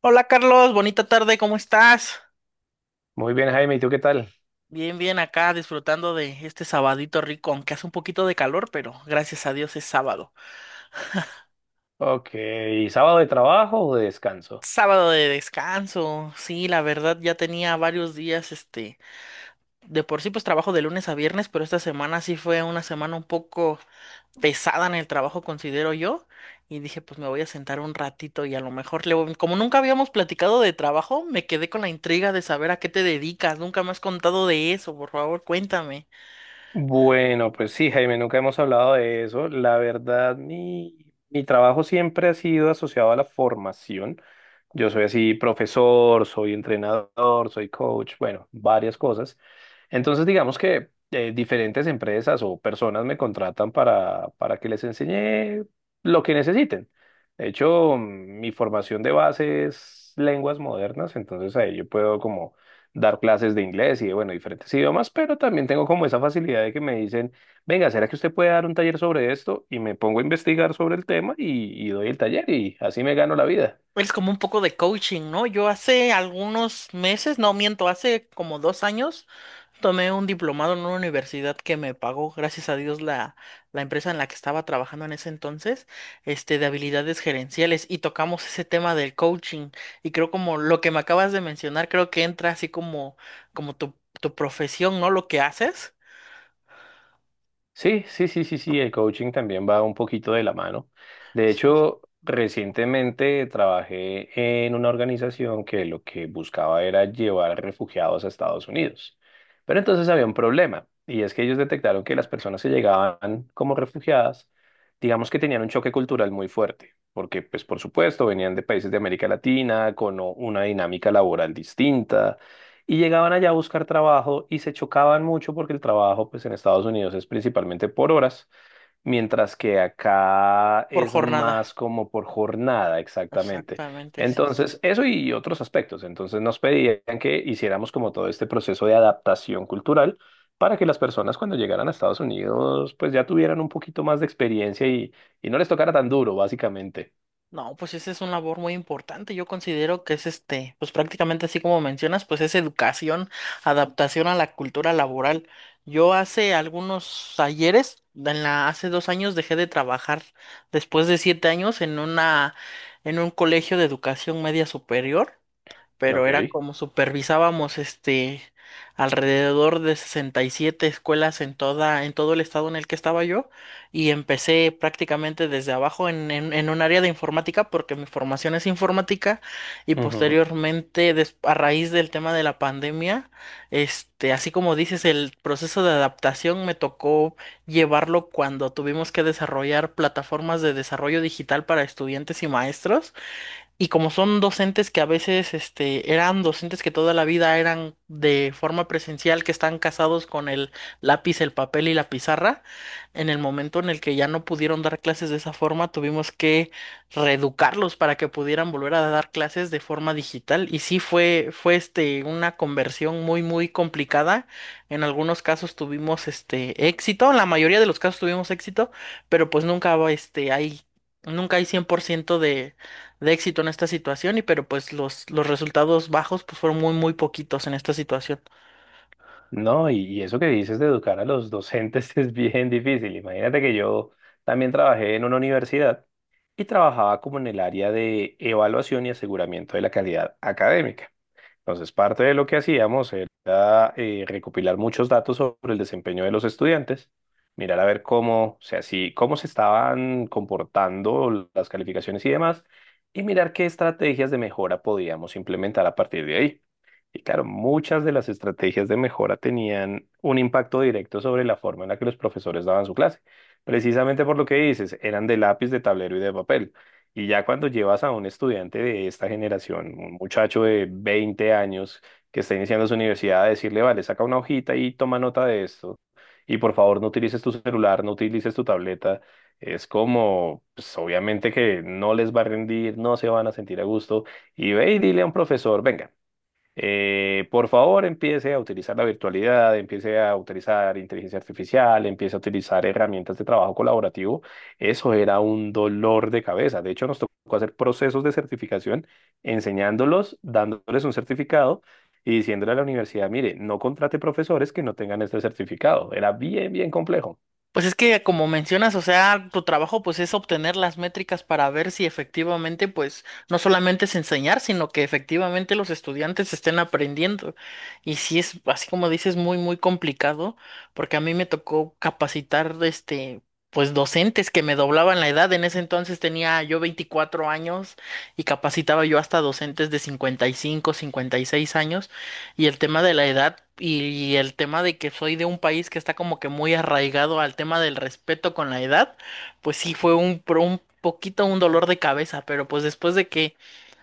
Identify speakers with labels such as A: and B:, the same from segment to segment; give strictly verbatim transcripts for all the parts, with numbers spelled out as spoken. A: Hola Carlos, bonita tarde, ¿cómo estás?
B: Muy bien, Jaime, ¿y tú qué tal?
A: Bien, bien, acá disfrutando de este sabadito rico, aunque hace un poquito de calor, pero gracias a Dios es sábado.
B: Ok, ¿sábado de trabajo o de descanso?
A: Sábado de descanso, sí, la verdad ya tenía varios días, este, de por sí pues trabajo de lunes a viernes, pero esta semana sí fue una semana un poco pesada en el trabajo, considero yo, y dije pues me voy a sentar un ratito y a lo mejor le voy- como nunca habíamos platicado de trabajo, me quedé con la intriga de saber a qué te dedicas, nunca me has contado de eso, por favor, cuéntame.
B: Bueno, pues sí, Jaime, nunca hemos hablado de eso. La verdad, mi, mi trabajo siempre ha sido asociado a la formación. Yo soy así profesor, soy entrenador, soy coach, bueno, varias cosas. Entonces, digamos que eh, diferentes empresas o personas me contratan para, para que les enseñe lo que necesiten. De hecho, mi formación de base es lenguas modernas, entonces ahí yo puedo como dar clases de inglés y de, bueno, diferentes idiomas, pero también tengo como esa facilidad de que me dicen, venga, ¿será que usted puede dar un taller sobre esto? Y me pongo a investigar sobre el tema y, y doy el taller y así me gano la vida.
A: Es como un poco de coaching, ¿no? Yo hace algunos meses, no miento, hace como dos años, tomé un diplomado en una universidad que me pagó, gracias a Dios, la, la empresa en la que estaba trabajando en ese entonces, este, de habilidades gerenciales, y tocamos ese tema del coaching. Y creo como lo que me acabas de mencionar, creo que entra así como, como tu, tu profesión, ¿no? Lo que haces
B: Sí, sí, sí, sí, sí, el coaching también va un poquito de la mano. De
A: sí,
B: hecho, recientemente trabajé en una organización que lo que buscaba era llevar refugiados a Estados Unidos. Pero entonces había un problema, y es que ellos detectaron que las personas que llegaban como refugiadas, digamos que tenían un choque cultural muy fuerte, porque pues por supuesto venían de países de América Latina con o- una dinámica laboral distinta y llegaban allá a buscar trabajo y se chocaban mucho porque el trabajo pues en Estados Unidos es principalmente por horas, mientras que acá
A: por
B: es
A: jornada.
B: más como por jornada exactamente.
A: Exactamente, sí. sí.
B: Entonces, eso y otros aspectos. Entonces nos pedían que hiciéramos como todo este proceso de adaptación cultural para que las personas cuando llegaran a Estados Unidos pues ya tuvieran un poquito más de experiencia y, y no les tocara tan duro, básicamente.
A: No, pues esa es una labor muy importante. Yo considero que es este, pues prácticamente así como mencionas, pues es educación, adaptación a la cultura laboral. Yo hace algunos ayeres, en la, hace dos años dejé de trabajar después de siete años en una, en un colegio de educación media superior, pero era
B: Ok.
A: como supervisábamos este alrededor de sesenta y siete escuelas en toda en todo el estado en el que estaba yo, y empecé prácticamente desde abajo en, en, en un área de informática porque mi formación es informática, y posteriormente des- a raíz del tema de la pandemia, este así como dices el proceso de adaptación me tocó llevarlo cuando tuvimos que desarrollar plataformas de desarrollo digital para estudiantes y maestros, y como son docentes que a veces este, eran docentes que toda la vida eran de forma presencial, que están casados con el lápiz, el papel y la pizarra, en el momento en el que ya no pudieron dar clases de esa forma, tuvimos que reeducarlos para que pudieran volver a dar clases de forma digital. Y sí fue, fue este, una conversión muy, muy complicada. En algunos casos tuvimos este, éxito, en la mayoría de los casos tuvimos éxito, pero pues nunca, este, hay, nunca hay cien por ciento de de éxito en esta situación, y pero pues los, los resultados bajos pues fueron muy muy poquitos en esta situación.
B: No, y, y eso que dices de educar a los docentes es bien difícil. Imagínate que yo también trabajé en una universidad y trabajaba como en el área de evaluación y aseguramiento de la calidad académica. Entonces, parte de lo que hacíamos era eh, recopilar muchos datos sobre el desempeño de los estudiantes, mirar a ver cómo, o sea, si- cómo se estaban comportando las calificaciones y demás, y mirar qué estrategias de mejora podíamos implementar a partir de ahí. Y claro, muchas de las estrategias de mejora tenían un impacto directo sobre la forma en la que los profesores daban su clase, precisamente por lo que dices, eran de lápiz, de tablero y de papel. Y ya cuando llevas a un estudiante de esta generación, un muchacho de veinte años que está iniciando su universidad, a decirle, vale, saca una hojita y toma nota de esto, y por favor no utilices tu celular, no utilices tu tableta, es como, pues obviamente que no les va a rendir, no se van a sentir a gusto, y ve y dile a un profesor, venga. Eh, por favor, empiece a utilizar la virtualidad, empiece a utilizar inteligencia artificial, empiece a utilizar herramientas de trabajo colaborativo. Eso era un dolor de cabeza. De hecho, nos tocó hacer procesos de certificación, enseñándolos, dándoles un certificado y diciéndole a la universidad, mire, no contrate profesores que no tengan este certificado. Era bien, bien complejo.
A: Pues es que como mencionas, o sea, tu trabajo pues es obtener las métricas para ver si efectivamente pues no solamente es enseñar, sino que efectivamente los estudiantes estén aprendiendo. Y sí es así como dices muy muy complicado porque a mí me tocó capacitar este pues docentes que me doblaban la edad. En ese entonces tenía yo veinticuatro años y capacitaba yo hasta docentes de cincuenta y cinco, cincuenta y seis años, y el tema de la edad y el tema de que soy de un país que está como que muy arraigado al tema del respeto con la edad, pues sí fue un, pro- un poquito un dolor de cabeza, pero pues después de que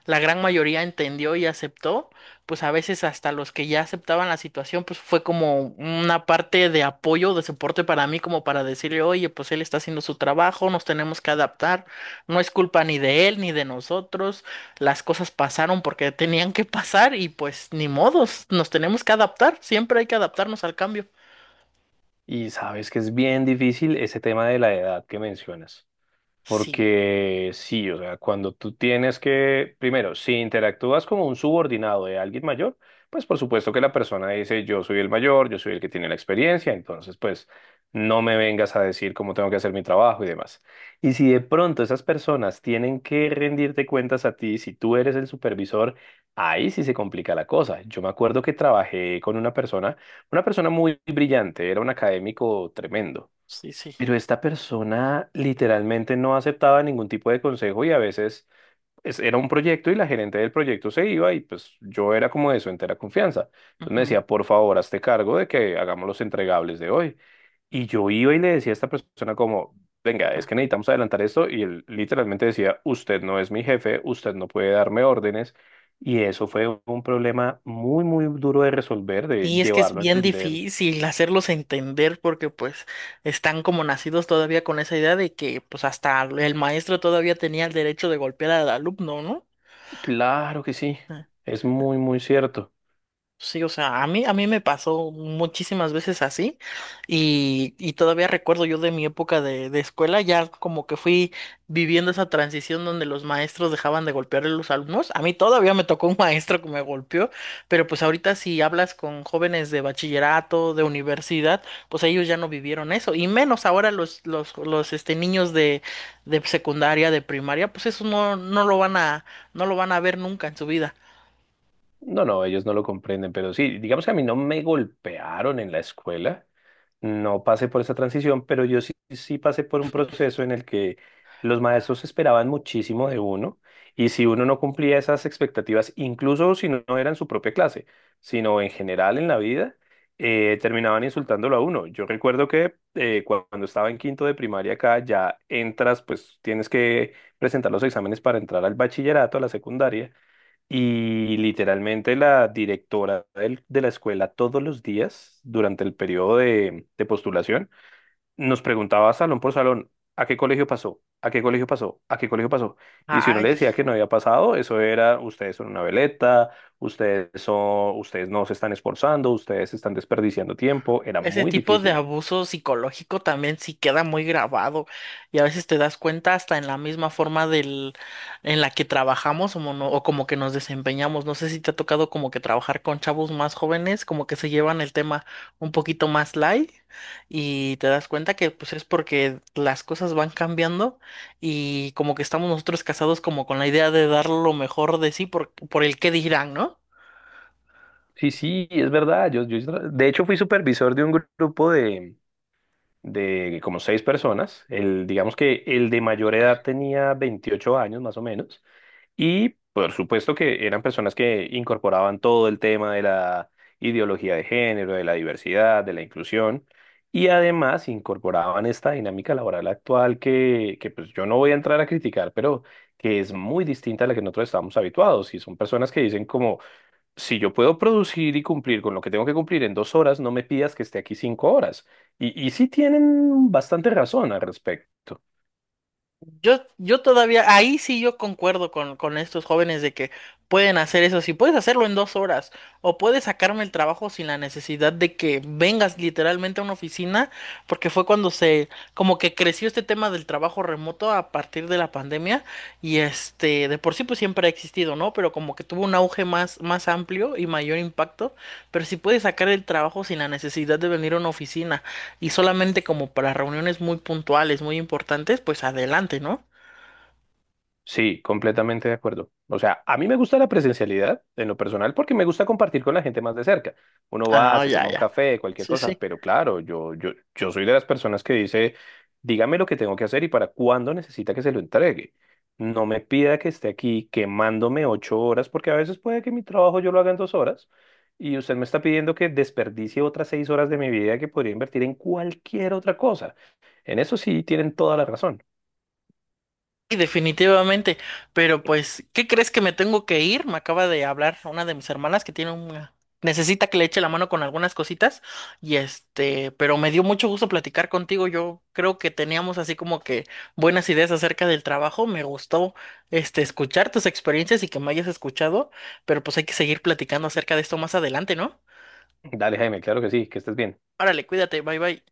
A: la gran mayoría entendió y aceptó, pues a veces hasta los que ya aceptaban la situación, pues fue como una parte de apoyo, de soporte para mí, como para decirle, oye, pues él está haciendo su trabajo, nos tenemos que adaptar, no es culpa ni de él ni de nosotros, las cosas pasaron porque tenían que pasar y pues ni modos, nos tenemos que adaptar, siempre hay que adaptarnos al cambio.
B: Y sabes que es bien difícil ese tema de la edad que mencionas.
A: Sí,
B: Porque sí, o sea, cuando tú tienes que, primero, si interactúas como un subordinado de alguien mayor, pues por supuesto que la persona dice, yo soy el mayor, yo soy el que tiene la experiencia, entonces pues no me vengas a decir cómo tengo que hacer mi trabajo y demás. Y si de pronto esas personas tienen que rendirte cuentas a ti, si tú eres el supervisor, ahí sí se complica la cosa. Yo me acuerdo que trabajé con una persona, una persona muy brillante, era un académico tremendo,
A: sí, sí.
B: pero esta persona literalmente no aceptaba ningún tipo de consejo y a veces es- era un proyecto y la gerente del proyecto se iba y pues yo era como de su entera confianza. Entonces me
A: Ujú.
B: decía, por favor, hazte cargo de que hagamos los entregables de hoy. Y yo iba y le decía a esta persona como, venga, es que necesitamos adelantar esto y él literalmente decía, usted no es mi jefe, usted no puede darme órdenes. Y eso fue un problema muy, muy duro de resolver, de
A: Y es que es
B: llevarlo a
A: bien
B: entender.
A: difícil hacerlos entender porque pues están como nacidos todavía con esa idea de que pues hasta el maestro todavía tenía el derecho de golpear al alumno, ¿no?
B: Claro que sí, es muy, muy cierto.
A: Sí, o sea, a mí, a mí me pasó muchísimas veces así y, y todavía recuerdo yo de mi época de, de escuela, ya como que fui viviendo esa transición donde los maestros dejaban de golpear a los alumnos. A mí todavía me tocó un maestro que me golpeó, pero pues ahorita si hablas con jóvenes de bachillerato, de universidad, pues ellos ya no vivieron eso, y menos ahora los, los, los este, niños de, de secundaria, de primaria, pues eso no, no lo van a, no lo van a ver nunca en su vida.
B: No, no, ellos no lo comprenden, pero sí, —digamos que a mí no me golpearon en la escuela, no pasé por esa transición— pero yo sí, sí pasé por un proceso en el que los maestros esperaban muchísimo de uno, y si uno no cumplía esas expectativas, incluso si no era en su propia clase, sino en general en la vida, eh, terminaban insultándolo a uno. Yo recuerdo que eh, cu- cuando estaba en quinto de primaria acá, ya entras, pues tienes que presentar los exámenes para entrar al bachillerato, a la secundaria. Y literalmente la directora del- de la escuela todos los días durante el periodo de, de postulación nos preguntaba salón por salón, ¿a qué colegio pasó? ¿A qué colegio pasó? ¿A qué colegio pasó? Y si uno le decía que no había pasado, eso era, ustedes son una veleta, ustedes son, ustedes no se están esforzando, ustedes están desperdiciando tiempo, era
A: Ese
B: muy
A: tipo de
B: difícil.
A: abuso psicológico también sí queda muy grabado, y a veces te das cuenta hasta en la misma forma del en la que trabajamos o, mono- o como que nos desempeñamos. No sé si te ha tocado como que trabajar con chavos más jóvenes, como que se llevan el tema un poquito más light, y te das cuenta que pues es porque las cosas van cambiando, y como que estamos nosotros casados como con la idea de dar lo mejor de sí por, por el qué dirán, ¿no?
B: Sí, sí, es verdad. Yo, yo, de hecho, fui supervisor de un grupo de como seis personas. El, digamos que el de mayor edad tenía veintiocho años más o menos. Y por supuesto que eran personas que incorporaban todo el tema de la ideología de género, de la diversidad, de la inclusión. Y además incorporaban esta dinámica laboral actual que, que pues yo no voy a entrar a criticar, pero que es muy distinta a la que nosotros estamos habituados. Y son personas que dicen como, si yo puedo producir y cumplir con lo que tengo que cumplir en dos horas, no me pidas que esté aquí cinco horas. Y, y sí tienen bastante razón al respecto.
A: Yo, yo todavía, ahí sí yo concuerdo con, con estos jóvenes de que pueden hacer eso. Si puedes hacerlo en dos horas o puedes sacarme el trabajo sin la necesidad de que vengas literalmente a una oficina, porque fue cuando se, como que creció este tema del trabajo remoto a partir de la pandemia, y este, de por sí pues siempre ha existido, ¿no? Pero como que tuvo un auge más, más amplio y mayor impacto. Pero si puedes sacar el trabajo sin la necesidad de venir a una oficina, y solamente como para reuniones muy puntuales, muy importantes, pues adelante, ¿no?
B: Sí, completamente de acuerdo. O sea, a mí me gusta la presencialidad en lo personal porque me gusta compartir con la gente más de cerca. Uno va,
A: Ah,
B: se
A: ya,
B: toma un
A: ya.
B: café, cualquier
A: Sí,
B: cosa,
A: sí.
B: pero claro, yo, yo, yo soy de las personas que dice, dígame lo que tengo que hacer y para cuándo necesita que se lo entregue. No me pida que esté aquí quemándome ocho horas porque a veces puede que mi trabajo yo lo haga en dos horas y usted me está pidiendo que desperdicie otras seis horas de mi vida que podría invertir en cualquier otra cosa. En eso sí tienen toda la razón.
A: Y definitivamente. Pero pues, ¿qué crees que me tengo que ir? Me acaba de hablar una de mis hermanas que tiene una... Necesita que le eche la mano con algunas cositas. Y este, pero me dio mucho gusto platicar contigo. Yo creo que teníamos así como que buenas ideas acerca del trabajo. Me gustó este escuchar tus experiencias y que me hayas escuchado. Pero pues hay que seguir platicando acerca de esto más adelante, ¿no?
B: Dale, Jaime, claro que sí, que estés bien.
A: Órale, cuídate, bye bye.